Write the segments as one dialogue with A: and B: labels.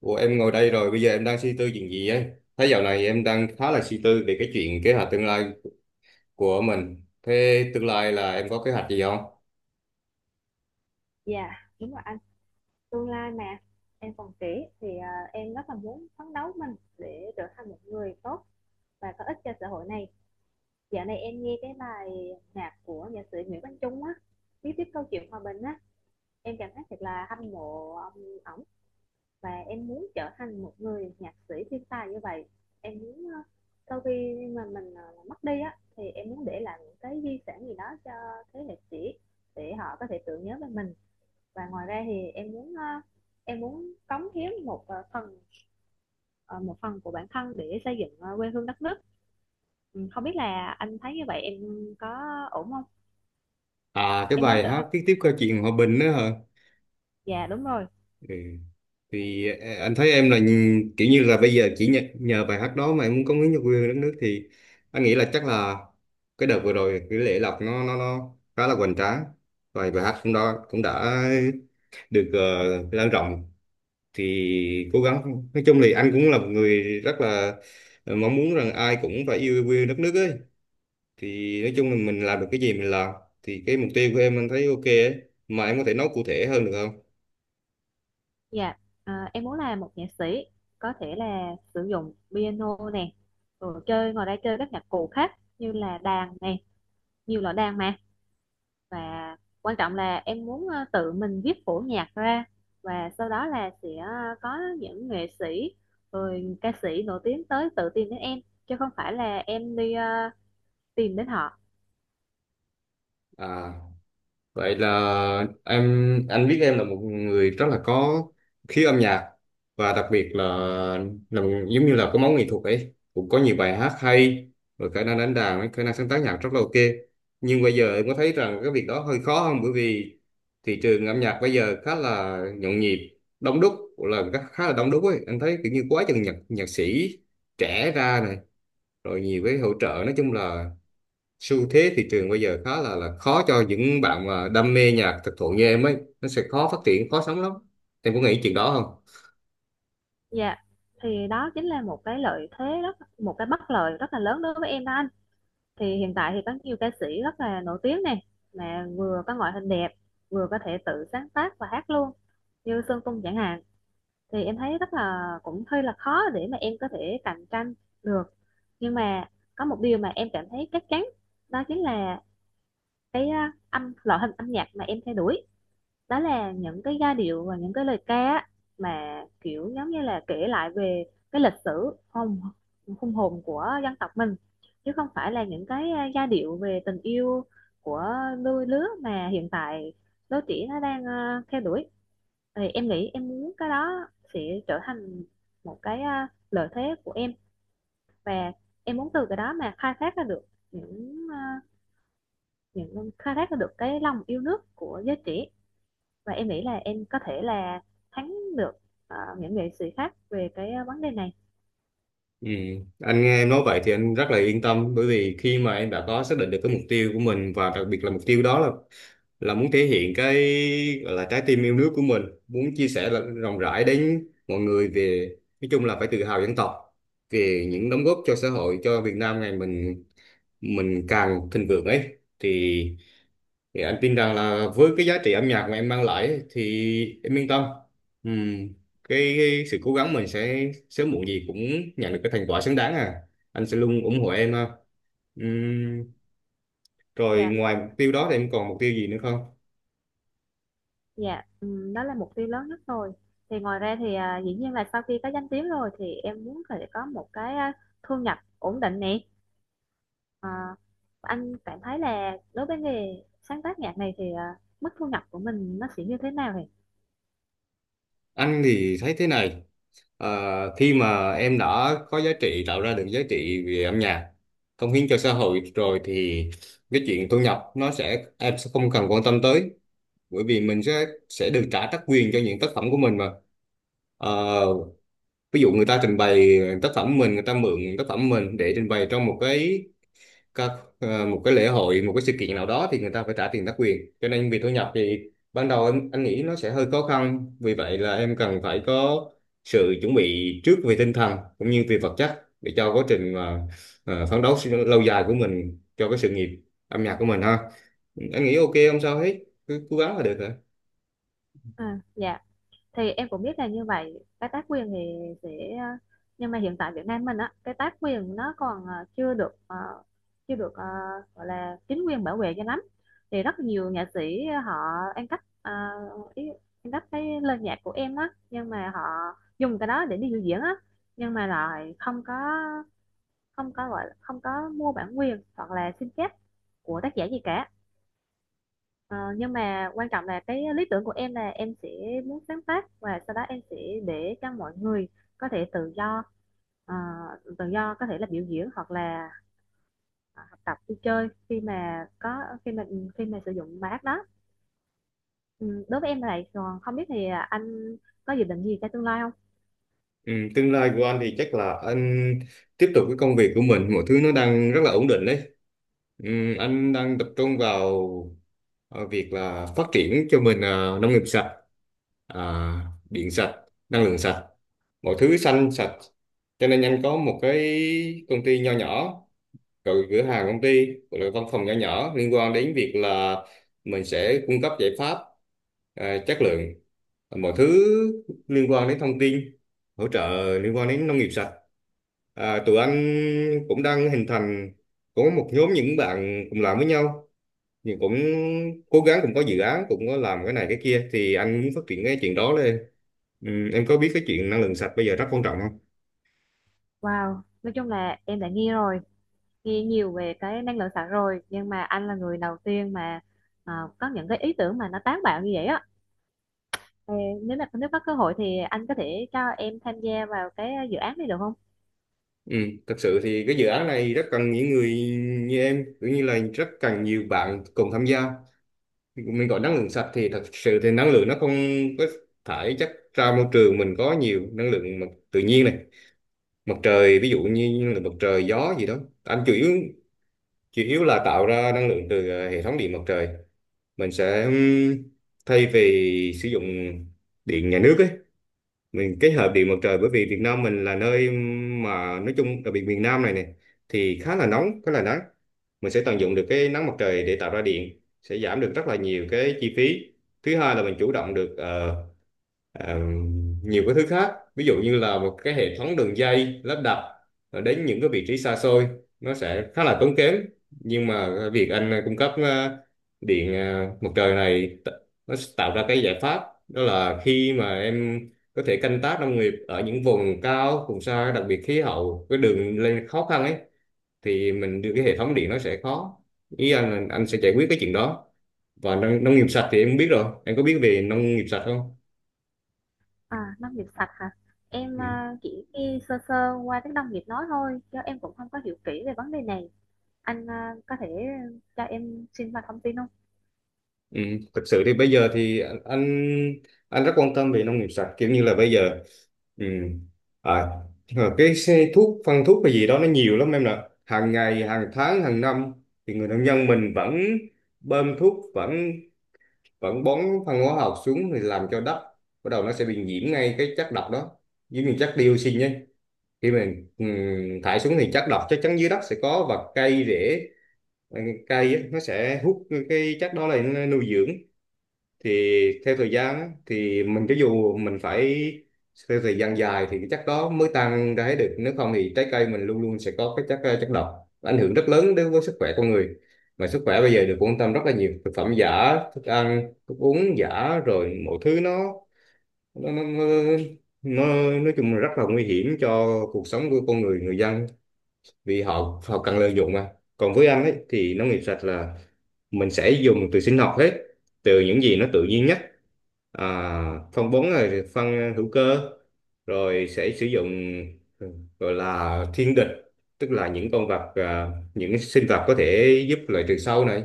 A: Ủa em ngồi đây rồi, bây giờ em đang suy tư chuyện gì ấy? Thấy dạo này em đang khá là suy tư về cái chuyện kế hoạch tương lai của mình. Thế tương lai là em có kế hoạch gì không?
B: Dạ, đúng rồi anh. Tương lai mà em còn trẻ thì em rất là muốn phấn đấu mình để trở thành một người tốt và có ích cho xã hội này. Dạo này em nghe cái bài nhạc của nhạc sĩ Nguyễn Quang Trung á, viết tiếp câu chuyện hòa bình á, em cảm thấy thật là hâm mộ ông ổng và em muốn trở thành một người nhạc sĩ thiên tài như vậy. Em muốn sau khi mà mình mất đi á thì em muốn để lại những cái di sản gì đó cho thế hệ trẻ để họ có thể tưởng nhớ về mình, và ngoài ra thì em muốn em muốn cống hiến một phần, ờ, một phần của bản thân để xây dựng quê hương đất nước. Ừ, không biết là anh thấy như vậy em có ổn không.
A: À, cái
B: Em muốn
A: bài
B: trở
A: hát
B: thành,
A: tiếp tiếp câu chuyện hòa bình nữa hả?
B: dạ đúng rồi.
A: Ừ. Thì anh thấy em là kiểu như là bây giờ chỉ nhờ bài hát đó mà em muốn cống hiến cho quê hương đất nước, thì anh nghĩ là chắc là cái đợt vừa rồi cái lễ lọc nó khá là hoành tráng. Và bài hát cũng đó cũng đã được lan rộng, thì cố gắng, nói chung thì anh cũng là một người rất là mong muốn rằng ai cũng phải yêu quê đất nước ấy, thì nói chung là mình làm được cái gì mình làm, thì cái mục tiêu của em anh thấy ok ấy, mà em có thể nói cụ thể hơn được không?
B: Dạ, em muốn là một nhạc sĩ, có thể là sử dụng piano nè, rồi chơi, ngoài ra chơi các nhạc cụ khác như là đàn nè, nhiều loại đàn mà. Và quan trọng là em muốn tự mình viết phổ nhạc ra, và sau đó là sẽ có những nghệ sĩ rồi ca sĩ nổi tiếng tới tự tìm đến em, chứ không phải là em đi tìm đến họ.
A: À. Vậy là em anh biết em là một người rất là có khí âm nhạc, và đặc biệt là một, giống như là có máu nghệ thuật ấy, cũng có nhiều bài hát hay, rồi khả năng đánh đàn ấy, khả năng sáng tác nhạc rất là ok, nhưng bây giờ em có thấy rằng cái việc đó hơi khó không? Bởi vì thị trường âm nhạc bây giờ khá là nhộn nhịp đông đúc, là khá khá là đông đúc ấy, anh thấy kiểu như quá chừng nhạc nhạc sĩ trẻ ra này, rồi nhiều cái hỗ trợ, nói chung là xu thế thị trường bây giờ khá là khó cho những bạn mà đam mê nhạc thực thụ như em ấy, nó sẽ khó phát triển khó sống lắm. Em có nghĩ chuyện đó không?
B: Dạ, thì đó chính là một cái lợi thế rất, một cái bất lợi rất là lớn đối với em đó anh. Thì hiện tại thì có nhiều ca sĩ rất là nổi tiếng này, mà vừa có ngoại hình đẹp, vừa có thể tự sáng tác và hát luôn, như Sơn Tùng chẳng hạn. Thì em thấy rất là cũng hơi là khó để mà em có thể cạnh tranh được. Nhưng mà có một điều mà em cảm thấy chắc chắn, đó chính là cái âm, loại hình âm nhạc mà em theo đuổi, đó là những cái giai điệu và những cái lời ca á, mà kiểu giống như là kể lại về cái lịch sử hùng, hùng hồn của dân tộc mình, chứ không phải là những cái giai điệu về tình yêu của đôi lứa mà hiện tại đôi trẻ nó đang theo đuổi. Thì em nghĩ em muốn cái đó sẽ trở thành một cái lợi thế của em. Và em muốn từ cái đó mà khai thác ra được những những khai thác ra được cái lòng yêu nước của giới trẻ. Và em nghĩ là em có thể là thắng được những nghệ sĩ khác về cái vấn đề này.
A: Ừ. Anh nghe em nói vậy thì anh rất là yên tâm, bởi vì khi mà em đã có xác định được cái mục tiêu của mình, và đặc biệt là mục tiêu đó là muốn thể hiện cái gọi là trái tim yêu nước của mình, muốn chia sẻ là rộng rãi đến mọi người về, nói chung là phải tự hào dân tộc, về những đóng góp cho xã hội, cho Việt Nam ngày mình càng thịnh vượng ấy, thì thì anh tin rằng là với cái giá trị âm nhạc mà em mang lại ấy, thì em yên tâm. Ừm, cái sự cố gắng mình sẽ sớm muộn gì cũng nhận được cái thành quả xứng đáng. À, anh sẽ luôn ủng hộ em ha. Ừm, rồi
B: Dạ.
A: ngoài mục tiêu đó thì em còn mục tiêu gì nữa không?
B: Dạ, đó là mục tiêu lớn nhất rồi. Thì ngoài ra thì dĩ nhiên là sau khi có danh tiếng rồi thì em muốn phải có một cái thu nhập ổn định nè. Ờ, anh cảm thấy là đối với nghề sáng tác nhạc này thì mức thu nhập của mình nó sẽ như thế nào vậy?
A: Anh thì thấy thế này, khi mà em đã có giá trị, tạo ra được giá trị về âm nhạc, cống hiến cho xã hội rồi, thì cái chuyện thu nhập nó sẽ em sẽ không cần quan tâm tới, bởi vì mình sẽ được trả tác quyền cho những tác phẩm của mình mà. Ờ, ví dụ người ta trình bày tác phẩm mình, người ta mượn tác phẩm mình để trình bày trong một cái các một cái lễ hội, một cái sự kiện nào đó, thì người ta phải trả tiền tác quyền, cho nên việc thu nhập thì ban đầu em anh nghĩ nó sẽ hơi khó khăn, vì vậy là em cần phải có sự chuẩn bị trước về tinh thần cũng như về vật chất, để cho quá trình mà phấn đấu lâu dài của mình cho cái sự nghiệp âm nhạc của mình ha. Anh nghĩ ok, không sao hết, cứ cố gắng là được hả?
B: Dạ, thì em cũng biết là như vậy. Cái tác quyền thì sẽ ờ, nhưng mà hiện tại Việt Nam mình á, cái tác quyền nó còn chưa được chưa được gọi là chính quyền bảo vệ cho lắm. Thì rất nhiều nghệ sĩ họ ăn cắp ý, ăn cắp cái lời nhạc của em á, nhưng mà họ dùng cái đó để đi biểu diễn á, nhưng mà lại không có, không có, gọi là không có mua bản quyền hoặc là xin phép của tác giả gì cả. Ờ, nhưng mà quan trọng là cái lý tưởng của em là em sẽ muốn sáng tác, và sau đó em sẽ để cho mọi người có thể tự do ờ, tự do có thể là biểu diễn, hoặc là ờ, học tập, đi chơi khi mà có, khi mà, khi mà sử dụng bài hát đó. Ừ, đối với em là vậy, còn không biết thì anh có dự định gì cho tương lai không?
A: Ừ, tương lai của anh thì chắc là anh tiếp tục cái công việc của mình, mọi thứ nó đang rất là ổn định đấy. Ừ, anh đang tập trung vào việc là phát triển cho mình nông nghiệp sạch, à, điện sạch, năng lượng sạch, mọi thứ xanh sạch. Cho nên anh có một cái công ty nho nhỏ, rồi cửa hàng công ty, rồi văn phòng nhỏ nhỏ liên quan đến việc là mình sẽ cung cấp giải pháp, chất lượng, mọi thứ liên quan đến thông tin hỗ trợ liên quan đến nông nghiệp sạch. Tụi anh cũng đang hình thành, có một nhóm những bạn cùng làm với nhau, nhưng cũng cố gắng, cũng có dự án, cũng có làm cái này cái kia, thì anh muốn phát triển cái chuyện đó lên. Ừ, em có biết cái chuyện năng lượng sạch bây giờ rất quan trọng không?
B: Wow, nói chung là em đã nghe rồi, nghe nhiều về cái năng lượng sạch rồi, nhưng mà anh là người đầu tiên mà ờ, có những cái ý tưởng mà nó táo bạo như vậy á. Ờ, nếu mà nếu có cơ hội thì anh có thể cho em tham gia vào cái dự án này được không?
A: Ừ, thật sự thì cái dự án này rất cần những người như em, cũng như là rất cần nhiều bạn cùng tham gia. Mình gọi năng lượng sạch thì thật sự thì năng lượng nó không có thải chất ra môi trường, mình có nhiều năng lượng mặt tự nhiên này, mặt trời, ví dụ như năng lượng mặt trời, gió gì đó, anh chủ yếu là tạo ra năng lượng từ hệ thống điện mặt trời. Mình sẽ thay vì sử dụng điện nhà nước ấy, mình kết hợp điện mặt trời, bởi vì Việt Nam mình là nơi mà nói chung đặc biệt miền Nam này này thì khá là nóng khá là nắng, mình sẽ tận dụng được cái nắng mặt trời để tạo ra điện, sẽ giảm được rất là nhiều cái chi phí. Thứ hai là mình chủ động được ờ, nhiều cái thứ khác, ví dụ như là một cái hệ thống đường dây lắp đặt đến những cái vị trí xa xôi, nó sẽ khá là tốn kém, nhưng mà việc anh cung cấp điện mặt trời này nó sẽ tạo ra cái giải pháp, đó là khi mà em có thể canh tác nông nghiệp ở những vùng cao vùng xa, đặc biệt khí hậu cái đường lên khó khăn ấy, thì mình đưa cái hệ thống điện nó sẽ khó. Ý anh là anh sẽ giải quyết cái chuyện đó. Và nông nghiệp sạch thì em biết rồi, em có biết về nông nghiệp sạch không?
B: À, nông nghiệp sạch hả? Em chỉ nghe sơ sơ qua tiếng nông nghiệp nói thôi, chứ em cũng không có hiểu kỹ về vấn đề này. Anh có thể cho em xin vào thông tin không?
A: Ừ, thực sự thì bây giờ thì anh rất quan tâm về nông nghiệp sạch kiểu như là bây giờ. ừ. à, nhưng mà cái xe thuốc phân thuốc hay gì đó nó nhiều lắm em nè, hàng ngày hàng tháng hàng năm thì người nông dân mình vẫn bơm thuốc vẫn vẫn bón phân hóa học xuống, thì làm cho đất bắt đầu nó sẽ bị nhiễm ngay cái chất độc đó, giống như chất dioxin nhé. Khi mình thải xuống thì chất độc chắc chắn dưới đất sẽ có, và cây rễ, ừ, cây á, nó sẽ hút cái chất đó lại, nó nuôi dưỡng, thì theo thời gian á, thì mình cho dù mình phải theo thời gian dài thì cái chất đó mới tan ra hết được, nếu không thì trái cây mình luôn luôn sẽ có cái chất chất độc ảnh hưởng rất lớn đến với sức khỏe con người. Mà sức khỏe bây giờ được quan tâm rất là nhiều, thực phẩm giả, thức ăn thức uống giả, rồi mọi thứ nó, nó, nó nó nói chung là rất là nguy hiểm cho cuộc sống của con người, người dân, vì họ họ cần lợi dụng mà. Còn với anh ấy thì nông nghiệp sạch là mình sẽ dùng từ sinh học hết, từ những gì nó tự nhiên nhất. à, Phân bón là phân hữu cơ, rồi sẽ sử dụng, ừ, gọi là thiên địch, tức là những con vật, những cái sinh vật có thể giúp loại trừ sâu này,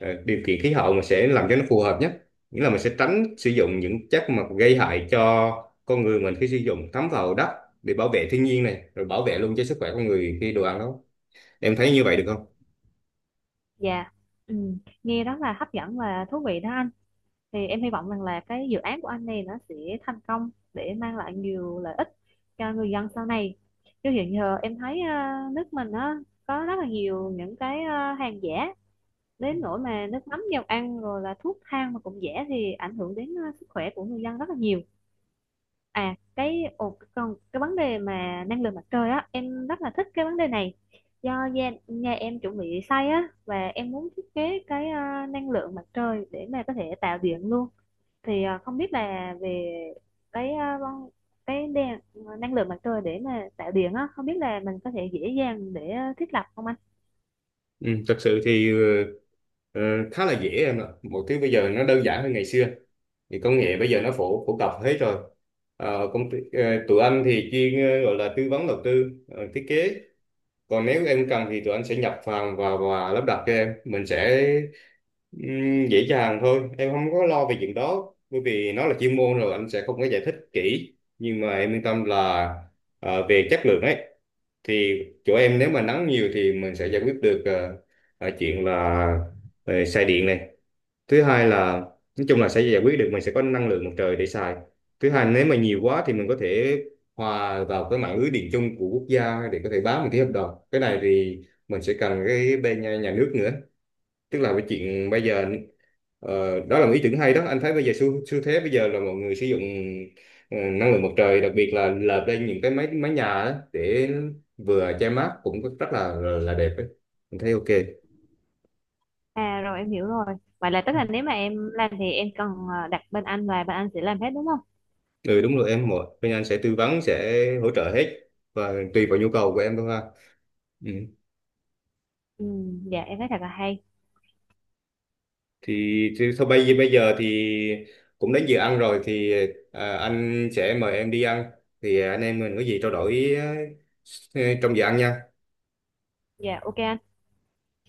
A: điều kiện khí hậu mà sẽ làm cho nó phù hợp nhất. Nghĩa là mình sẽ tránh sử dụng những chất mà gây hại cho con người mình, khi sử dụng thấm vào đất, để bảo vệ thiên nhiên này, rồi bảo vệ luôn cho sức khỏe con người khi đồ ăn đó. Em thấy như vậy được không?
B: Dạ, ừ, nghe rất là hấp dẫn và thú vị đó anh. Thì em hy vọng rằng là cái dự án của anh này nó sẽ thành công để mang lại nhiều lợi ích cho người dân sau này. Chứ hiện giờ em thấy nước mình á, có rất là nhiều những cái hàng giả, đến nỗi mà nước mắm, dầu ăn, rồi là thuốc thang mà cũng rẻ, thì ảnh hưởng đến sức khỏe của người dân rất là nhiều. À, cái ồ, còn cái vấn đề mà năng lượng mặt trời á, em rất là thích cái vấn đề này. Do gia, nhà em chuẩn bị xây á, và em muốn thiết kế cái năng lượng mặt trời để mà có thể tạo điện luôn. Thì không biết là về cái cái đèn, năng lượng mặt trời để mà tạo điện á, không biết là mình có thể dễ dàng để thiết lập không anh?
A: Ừ, thật sự thì ờ, khá là dễ em ạ. Mọi thứ bây giờ nó đơn giản hơn ngày xưa. Thì công nghệ bây giờ nó phổ phổ cập hết rồi. Ờ, công ty, tụi anh thì chuyên gọi là tư vấn đầu tư, thiết kế, còn nếu em cần thì tụi anh sẽ nhập hàng và lắp đặt cho em, mình sẽ dễ dàng thôi em, không có lo về chuyện đó bởi vì nó là chuyên môn rồi, anh sẽ không có giải thích kỹ. Nhưng mà em yên tâm là về chất lượng ấy, thì chỗ em nếu mà nắng nhiều thì mình sẽ giải quyết được chuyện là xài điện này. Thứ hai là nói chung là sẽ giải quyết được, mình sẽ có năng lượng mặt trời để xài. Thứ hai nếu mà nhiều quá thì mình có thể hòa vào cái mạng lưới điện chung của quốc gia, để có thể bán một cái hợp đồng. Cái này thì mình sẽ cần cái bên nhà nước nữa, tức là cái chuyện bây giờ, đó là một ý tưởng hay đó. Anh thấy bây giờ xu thế bây giờ là mọi người sử dụng năng lượng mặt trời, đặc biệt là lợp lên những cái máy mái nhà đó để vừa che mát cũng rất là đẹp ấy. Mình thấy ok.
B: À rồi, em hiểu rồi. Vậy là tức là nếu mà em làm thì em cần đặt bên anh, và bên anh sẽ làm hết đúng không?
A: Ừ đúng rồi em, mỗi bên anh sẽ tư vấn, sẽ hỗ trợ hết, và tùy vào nhu cầu của em thôi ha. Ừ.
B: Ừ, dạ em thấy thật là hay.
A: thì thôi bây bây giờ thì cũng đến giờ ăn rồi, thì anh sẽ mời em đi ăn, thì anh em mình có gì trao đổi trong giờ ăn nha.
B: Dạ ok anh.